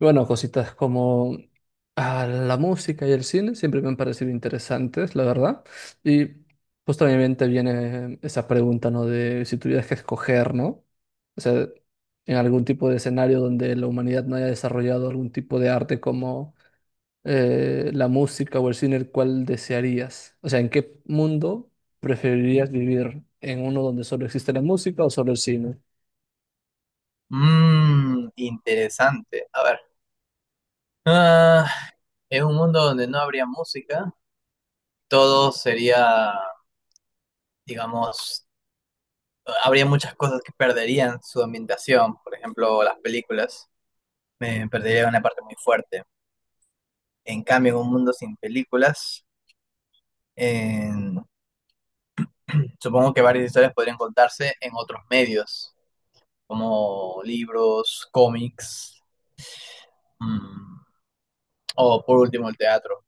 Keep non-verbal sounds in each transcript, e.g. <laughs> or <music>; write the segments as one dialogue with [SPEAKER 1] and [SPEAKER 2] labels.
[SPEAKER 1] Bueno, cositas como la música y el cine siempre me han parecido interesantes, la verdad. Y pues también te viene esa pregunta, ¿no? De si tuvieras que escoger, ¿no? O sea, en algún tipo de escenario donde la humanidad no haya desarrollado algún tipo de arte como la música o el cine, ¿cuál desearías? O sea, ¿en qué mundo preferirías vivir? ¿En uno donde solo existe la música o solo el cine?
[SPEAKER 2] Interesante. A ver. Ah, es un mundo donde no habría música. Todo sería, digamos, habría muchas cosas que perderían su ambientación. Por ejemplo, las películas. Perderían una parte muy fuerte. En cambio, en un mundo sin películas, en- supongo que varias historias podrían contarse en otros medios, como libros, cómics, mm, o por último el teatro.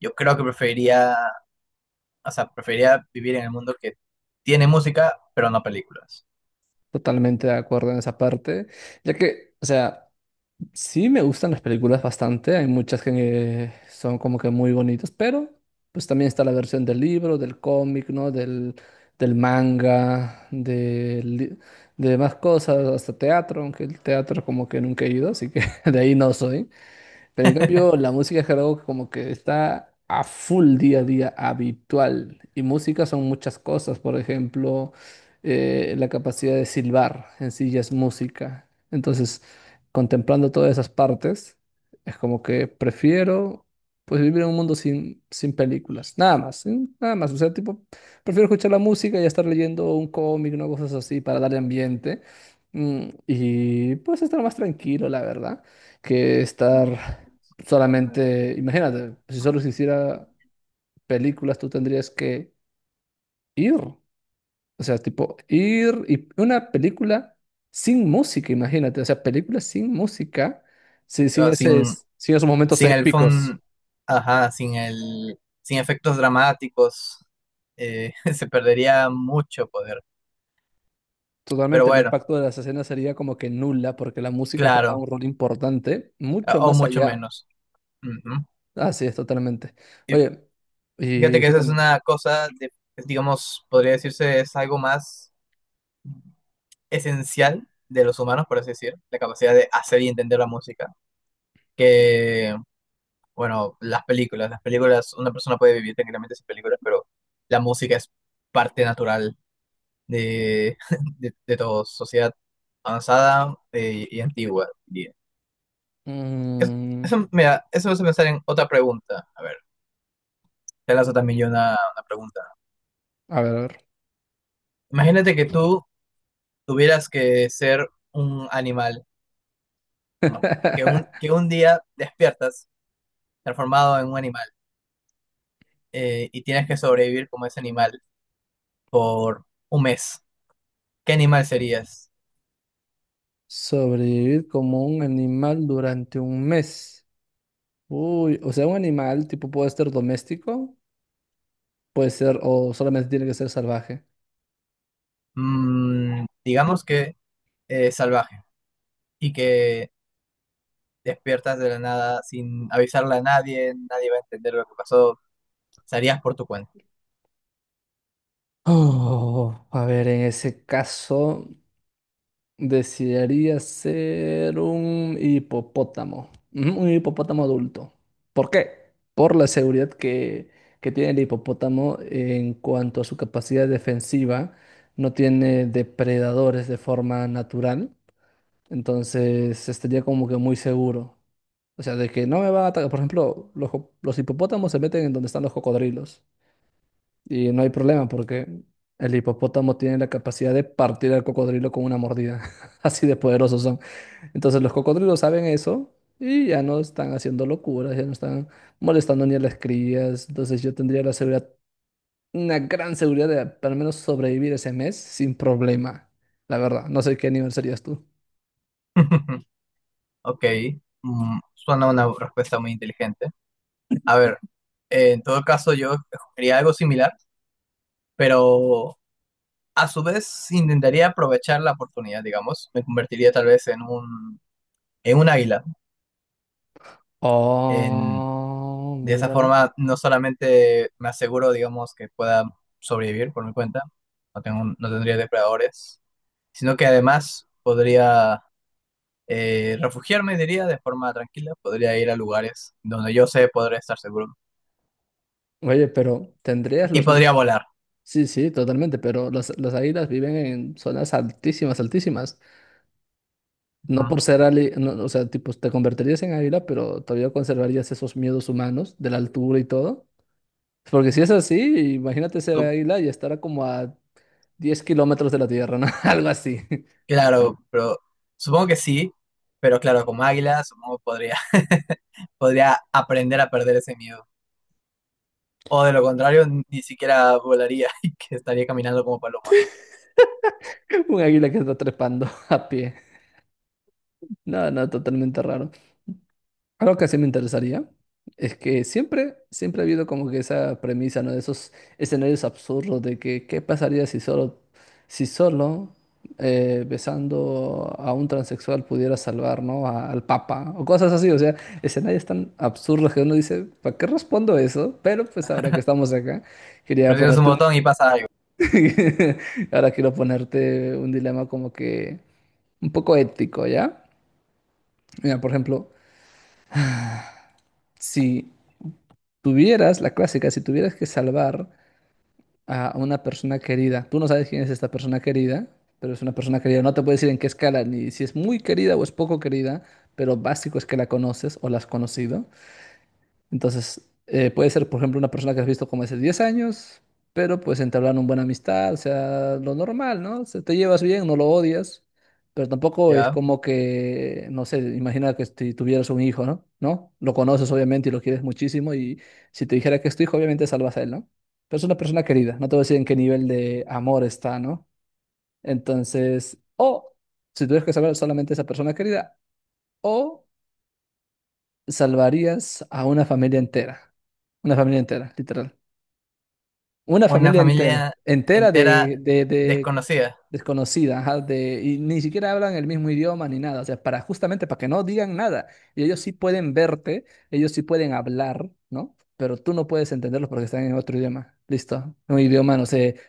[SPEAKER 2] Yo creo que preferiría vivir en el mundo que tiene música, pero no películas.
[SPEAKER 1] Totalmente de acuerdo en esa parte, ya que, o sea... Sí, me gustan las películas bastante. Hay muchas que son como que muy bonitas, pero pues también está la versión del libro, del cómic, ¿no? Del manga, de, más cosas, hasta teatro, aunque el teatro como que nunca he ido, así que <laughs> de ahí no soy. Pero en cambio, la música de karaoke como que está a full día a día habitual. Y música son muchas cosas. Por ejemplo, la capacidad de silbar en sí ya es música. Entonces, contemplando todas esas partes, es como que prefiero pues vivir en un mundo sin películas. Nada más, nada más. O sea, tipo, prefiero escuchar la música y estar leyendo un cómic, ¿no? Cosas así para darle ambiente. Mm, y pues estar más tranquilo, la verdad que estar solamente, imagínate, si solo se hiciera películas, tú tendrías que ir, o sea, tipo ir y una película sin música, imagínate, o sea, películas sin música, sin
[SPEAKER 2] O
[SPEAKER 1] ese,
[SPEAKER 2] sin,
[SPEAKER 1] sin esos momentos
[SPEAKER 2] sin el
[SPEAKER 1] épicos.
[SPEAKER 2] fun, ajá, sin el, sin efectos dramáticos, <laughs> se perdería mucho poder. Pero
[SPEAKER 1] Totalmente, el
[SPEAKER 2] bueno,
[SPEAKER 1] impacto de las escenas sería como que nula, porque la música juega un
[SPEAKER 2] claro,
[SPEAKER 1] rol importante, mucho
[SPEAKER 2] o
[SPEAKER 1] más
[SPEAKER 2] mucho
[SPEAKER 1] allá.
[SPEAKER 2] menos. Ujú.
[SPEAKER 1] Así es, totalmente. Oye,
[SPEAKER 2] Fíjate
[SPEAKER 1] y
[SPEAKER 2] que esa es
[SPEAKER 1] justamente,
[SPEAKER 2] una cosa, digamos, podría decirse es algo más esencial de los humanos, por así decir, la capacidad de hacer y entender la música, que bueno, las películas, una persona puede vivir tranquilamente sin películas, pero la música es parte natural de, <laughs> de toda sociedad avanzada, y antigua, diría. Es-
[SPEAKER 1] mm,
[SPEAKER 2] Eso, mira, eso me hace pensar en otra pregunta. A ver, te lanzo también yo una pregunta.
[SPEAKER 1] a ver, a ver.
[SPEAKER 2] Imagínate que tú tuvieras que ser un animal, como que un,
[SPEAKER 1] <laughs>
[SPEAKER 2] que un día despiertas transformado en un animal, y tienes que sobrevivir como ese animal por un mes. ¿Qué animal serías?
[SPEAKER 1] Sobrevivir como un animal durante un mes. Uy, o sea, un animal tipo puede ser doméstico, puede ser o solamente tiene que ser salvaje.
[SPEAKER 2] Digamos que es salvaje y que despiertas de la nada sin avisarle a nadie, nadie va a entender lo que pasó, salías por tu cuenta.
[SPEAKER 1] Oh, a ver, en ese caso desearía ser un hipopótamo. Ujú, un hipopótamo adulto. ¿Por qué? Por la seguridad que tiene el hipopótamo en cuanto a su capacidad defensiva. No tiene depredadores de forma natural. Entonces estaría como que muy seguro. O sea, de que no me va a atacar. Por ejemplo, los hipopótamos se meten en donde están los cocodrilos. Y no hay problema porque el hipopótamo tiene la capacidad de partir al cocodrilo con una mordida. <laughs> Así de poderosos son. Entonces los cocodrilos saben eso y ya no están haciendo locuras, ya no están molestando ni a las crías. Entonces yo tendría la seguridad, una gran seguridad de al menos sobrevivir ese mes sin problema. La verdad, no sé qué nivel serías tú.
[SPEAKER 2] <laughs> Ok, suena una respuesta muy inteligente. A ver, en todo caso yo escogería algo similar, pero a su vez intentaría aprovechar la oportunidad, digamos, me convertiría tal vez en un águila, en
[SPEAKER 1] Oh,
[SPEAKER 2] de esa
[SPEAKER 1] míralo.
[SPEAKER 2] forma, no solamente me aseguro, digamos, que pueda sobrevivir por mi cuenta, no tendría depredadores, sino que además podría, refugiarme, diría, de forma tranquila, podría ir a lugares donde yo sé podría estar seguro
[SPEAKER 1] Oye, pero ¿tendrías
[SPEAKER 2] y
[SPEAKER 1] los
[SPEAKER 2] podría
[SPEAKER 1] mismos?
[SPEAKER 2] volar.
[SPEAKER 1] Sí, sí, totalmente, pero las águilas viven en zonas altísimas, altísimas. No
[SPEAKER 2] Ujú.
[SPEAKER 1] por ser ali, no, o sea, tipo, te convertirías en águila, pero todavía conservarías esos miedos humanos de la altura y todo. Porque si es así, imagínate ser
[SPEAKER 2] Tú-
[SPEAKER 1] águila y estar a como a 10 kilómetros de la tierra, ¿no? <laughs> Algo así.
[SPEAKER 2] Claro, pero supongo que sí, pero claro, como águila, supongo que podría, <laughs> podría aprender a perder ese miedo. O de lo contrario, ni siquiera volaría <laughs> y que estaría caminando como paloma.
[SPEAKER 1] <laughs> Un águila que está trepando <laughs> a pie. No, no, totalmente raro. Algo que sí me interesaría es que siempre, siempre ha habido como que esa premisa, ¿no? De esos escenarios absurdos de que qué pasaría si solo besando a un transexual pudiera salvar, ¿no? Al Papa o cosas así, o sea, escenarios tan absurdos que uno dice, ¿para qué respondo eso? Pero pues ahora que estamos acá, quería
[SPEAKER 2] Presionas un
[SPEAKER 1] ponerte un...
[SPEAKER 2] botón y pasa algo,
[SPEAKER 1] <laughs> ahora quiero ponerte un dilema como que un poco ético, ¿ya? Mira, por ejemplo, si tuvieras, la clásica, si tuvieras que salvar a una persona querida, tú no sabes quién es esta persona querida, pero es una persona querida, no te puedo decir en qué escala, ni si es muy querida o es poco querida, pero básico es que la conoces o la has conocido. Entonces, puede ser, por ejemplo, una persona que has visto como hace 10 años, pero pues entablaron una buena amistad, o sea, lo normal, ¿no? Se te llevas bien, no lo odias, pero tampoco es
[SPEAKER 2] ¿ya?
[SPEAKER 1] como que, no sé, imagina que si tuvieras un hijo, ¿no? ¿No? Lo conoces obviamente y lo quieres muchísimo y si te dijera que es tu hijo, obviamente salvas a él, ¿no? Pero es una persona querida, no te voy a decir en qué nivel de amor está, ¿no? Entonces, o si tuvieras que saber solamente esa persona querida, o salvarías a una familia entera. Una familia entera, literal. Una
[SPEAKER 2] Una
[SPEAKER 1] familia entera,
[SPEAKER 2] familia
[SPEAKER 1] entera
[SPEAKER 2] entera
[SPEAKER 1] de
[SPEAKER 2] desconocida.
[SPEAKER 1] desconocida, ajá, de, y ni siquiera hablan el mismo idioma ni nada, o sea, para justamente para que no digan nada. Y ellos sí pueden verte, ellos sí pueden hablar, ¿no? Pero tú no puedes entenderlos porque están en otro idioma. Listo, un idioma, no sé,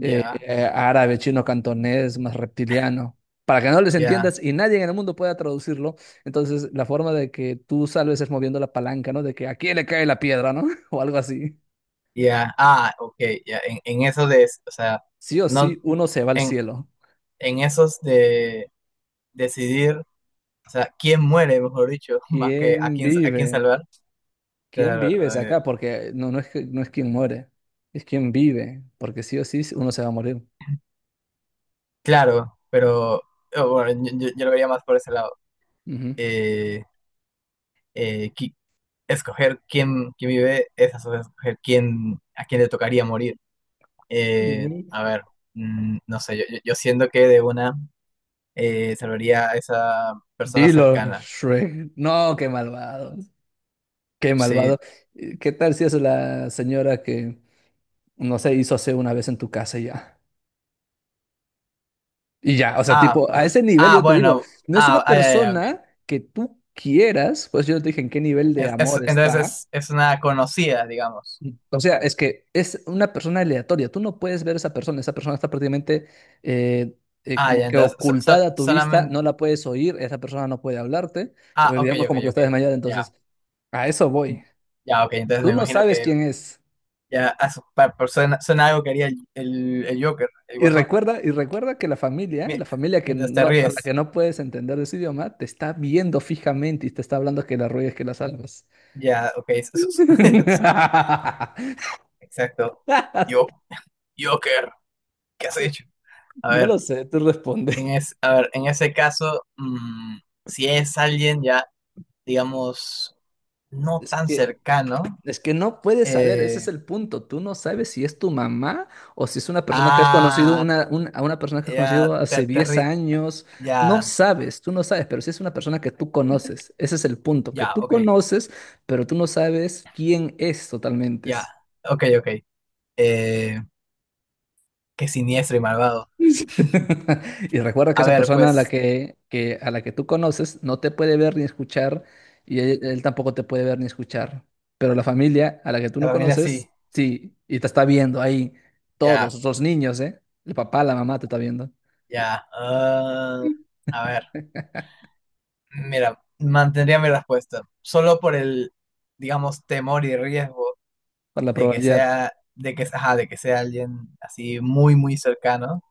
[SPEAKER 1] árabe, chino, cantonés, más reptiliano. Para que no les
[SPEAKER 2] ya,
[SPEAKER 1] entiendas y nadie en el mundo pueda traducirlo, entonces la forma de que tú salves es moviendo la palanca, ¿no? De que a quién le cae la piedra, ¿no? <laughs> O algo así.
[SPEAKER 2] ya. Ah, ok, ya. En eso de, o sea,
[SPEAKER 1] Sí o
[SPEAKER 2] no,
[SPEAKER 1] sí, uno se va al
[SPEAKER 2] en,
[SPEAKER 1] cielo.
[SPEAKER 2] en esos de decidir, o sea, quién muere, mejor dicho, <laughs> más que
[SPEAKER 1] ¿Quién
[SPEAKER 2] a quién
[SPEAKER 1] vive?
[SPEAKER 2] salvar.
[SPEAKER 1] ¿Quién
[SPEAKER 2] Claro,
[SPEAKER 1] vives acá? Porque no es, no es quien muere, es quien vive, porque sí o sí sí, uno se va a morir.
[SPEAKER 2] claro, pero bueno, yo lo vería más por ese lado.
[SPEAKER 1] Ujú.
[SPEAKER 2] Eh, eh, qui- Escoger quién, quién vive es a su vez escoger quién, a quién le tocaría morir.
[SPEAKER 1] Ujú.
[SPEAKER 2] A ver, no sé, yo siento que de una, salvaría a esa persona
[SPEAKER 1] Dilo,
[SPEAKER 2] cercana.
[SPEAKER 1] Shrek. No, qué malvado. Qué
[SPEAKER 2] Sí.
[SPEAKER 1] malvado. ¿Qué tal si es la señora no sé, hizo hace una vez en tu casa y ya? Y ya, o sea,
[SPEAKER 2] Ah,
[SPEAKER 1] tipo, a ese nivel
[SPEAKER 2] ah,
[SPEAKER 1] yo te digo,
[SPEAKER 2] bueno.
[SPEAKER 1] no es una
[SPEAKER 2] Ah, ah, ya, ya, ok.
[SPEAKER 1] persona que tú quieras, pues yo no te dije en qué nivel de amor
[SPEAKER 2] Entonces
[SPEAKER 1] está.
[SPEAKER 2] es una conocida, digamos.
[SPEAKER 1] O sea, es que es una persona aleatoria. Tú no puedes ver a esa persona. Esa persona está prácticamente eh,
[SPEAKER 2] Ah,
[SPEAKER 1] como
[SPEAKER 2] ya,
[SPEAKER 1] que
[SPEAKER 2] entonces
[SPEAKER 1] ocultada a tu vista.
[SPEAKER 2] solamente...
[SPEAKER 1] No la puedes oír. Esa persona no puede hablarte.
[SPEAKER 2] Ah,
[SPEAKER 1] Porque
[SPEAKER 2] ok,
[SPEAKER 1] digamos
[SPEAKER 2] ok,
[SPEAKER 1] como que
[SPEAKER 2] ok.
[SPEAKER 1] está desmayada.
[SPEAKER 2] Ya.
[SPEAKER 1] Entonces, a eso voy.
[SPEAKER 2] Ya, ok. Entonces me
[SPEAKER 1] Tú no
[SPEAKER 2] imagino
[SPEAKER 1] sabes
[SPEAKER 2] que
[SPEAKER 1] quién es.
[SPEAKER 2] ya a su- pa- pa- suena, suena algo que haría el Joker, el Guasón.
[SPEAKER 1] Y recuerda que
[SPEAKER 2] Mi-
[SPEAKER 1] la familia que
[SPEAKER 2] Mientras te
[SPEAKER 1] no, a la
[SPEAKER 2] ríes.
[SPEAKER 1] que no puedes entender ese idioma, te está viendo fijamente y te está hablando que la ruegues, que la salvas.
[SPEAKER 2] Ya, ok. <laughs>
[SPEAKER 1] <laughs>
[SPEAKER 2] Exacto. Yo, Joker, ¿qué has hecho? A
[SPEAKER 1] No
[SPEAKER 2] ver.
[SPEAKER 1] lo sé, tú respondes.
[SPEAKER 2] A ver, en ese caso, si es alguien ya, digamos, no
[SPEAKER 1] Es
[SPEAKER 2] tan
[SPEAKER 1] que
[SPEAKER 2] cercano,
[SPEAKER 1] es que no puedes saber, ese es
[SPEAKER 2] eh,
[SPEAKER 1] el punto. Tú no sabes si es tu mamá o si es una persona que has conocido,
[SPEAKER 2] ah,
[SPEAKER 1] a una persona que has
[SPEAKER 2] ya,
[SPEAKER 1] conocido hace 10 años.
[SPEAKER 2] ya,
[SPEAKER 1] No sabes, tú no sabes, pero si es una persona que tú conoces, ese es el punto, que
[SPEAKER 2] ya,
[SPEAKER 1] tú
[SPEAKER 2] ok,
[SPEAKER 1] conoces, pero tú no sabes quién es totalmente.
[SPEAKER 2] ya, ok, ok, eh, qué siniestro y malvado.
[SPEAKER 1] <laughs> Y recuerda que
[SPEAKER 2] A
[SPEAKER 1] esa
[SPEAKER 2] ver,
[SPEAKER 1] persona a la
[SPEAKER 2] pues,
[SPEAKER 1] a la que tú conoces no te puede ver ni escuchar y él tampoco te puede ver ni escuchar. Pero la familia a la que tú
[SPEAKER 2] la
[SPEAKER 1] no
[SPEAKER 2] familia sí,
[SPEAKER 1] conoces, sí, y te está viendo ahí
[SPEAKER 2] ya,
[SPEAKER 1] todos, los niños, ¿eh? El papá, la mamá te está viendo,
[SPEAKER 2] ya, ah, a ver, mira, mantendría mi respuesta, solo por el, digamos, temor y riesgo
[SPEAKER 1] por la
[SPEAKER 2] de que
[SPEAKER 1] probabilidad.
[SPEAKER 2] sea, ajá, de que sea alguien así muy, muy cercano,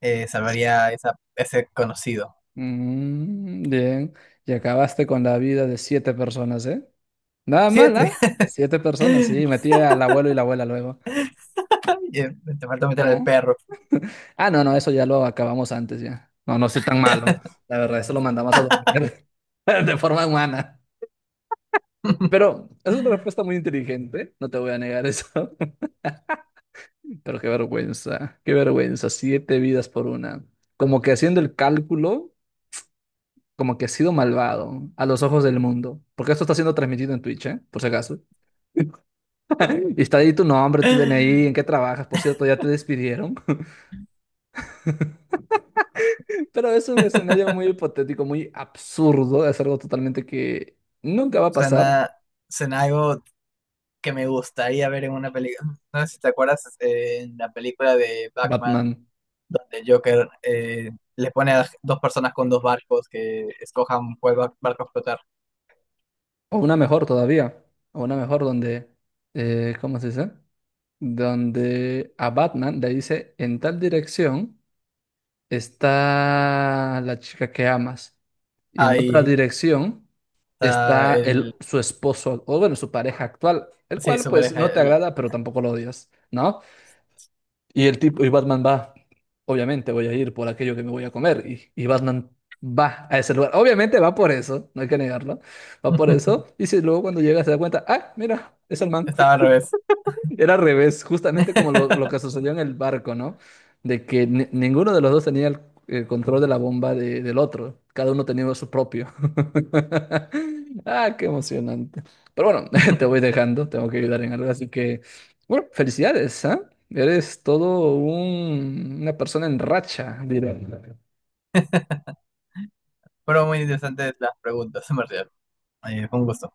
[SPEAKER 2] salvaría esa, ese conocido.
[SPEAKER 1] Mm, bien, y acabaste con la vida de 7 personas, ¿eh? Nada mal,
[SPEAKER 2] Siete,
[SPEAKER 1] ¿ah? 7 personas, sí, metí al abuelo y la abuela luego.
[SPEAKER 2] <laughs> ay, te falta meter al
[SPEAKER 1] Ah.
[SPEAKER 2] perro.
[SPEAKER 1] Ah, no, no, eso ya lo acabamos antes ya. No, no soy tan malo. La verdad, eso lo mandamos a dormir <laughs> de forma humana. Pero es una respuesta muy inteligente, no te voy a negar eso. <laughs> Pero qué vergüenza, 7 vidas por una. Como que haciendo el cálculo, como que ha sido malvado a los ojos del mundo. Porque esto está siendo transmitido en Twitch, ¿eh? Por si acaso. <laughs> Y está ahí tu nombre, tu DNI, en qué
[SPEAKER 2] <laughs>
[SPEAKER 1] trabajas. Por cierto, ya te despidieron. Pero es un escenario muy hipotético, muy absurdo, es algo totalmente que nunca va a pasar.
[SPEAKER 2] Suena, suena algo que me gustaría ver en una película. No sé si te acuerdas, en la película de
[SPEAKER 1] Batman.
[SPEAKER 2] Batman, donde Joker, le pone a dos personas con dos barcos que escojan cuál barco explotar.
[SPEAKER 1] O una mejor todavía. O una mejor donde, ¿cómo se dice? Donde a Batman le dice, en tal dirección está la chica que amas. Y en otra
[SPEAKER 2] Ahí
[SPEAKER 1] dirección
[SPEAKER 2] está
[SPEAKER 1] está
[SPEAKER 2] el.
[SPEAKER 1] el, su esposo, o bueno, su pareja actual, el
[SPEAKER 2] Sí,
[SPEAKER 1] cual
[SPEAKER 2] su
[SPEAKER 1] pues
[SPEAKER 2] pareja.
[SPEAKER 1] no te agrada, pero tampoco lo odias, ¿no? Y el tipo, y Batman va, obviamente voy a ir por aquello que me voy a comer. Y Batman va a ese lugar. Obviamente va por eso, no hay que negarlo. Va por eso.
[SPEAKER 2] <laughs>
[SPEAKER 1] Y si luego cuando llega se da cuenta, ah, mira, es el man.
[SPEAKER 2] Estaba al revés.
[SPEAKER 1] Era al revés, justamente como lo
[SPEAKER 2] <laughs>
[SPEAKER 1] que sucedió en el barco, ¿no? De que ninguno de los dos tenía el control de la bomba del otro. Cada uno tenía su propio. <laughs> Ah, qué emocionante. Pero bueno, <laughs> te voy dejando, tengo que ayudar en algo. Así que, bueno, felicidades, ¿ah? Eres una persona en racha, diré.
[SPEAKER 2] Fueron muy interesantes las preguntas, en verdad. Fue un gusto.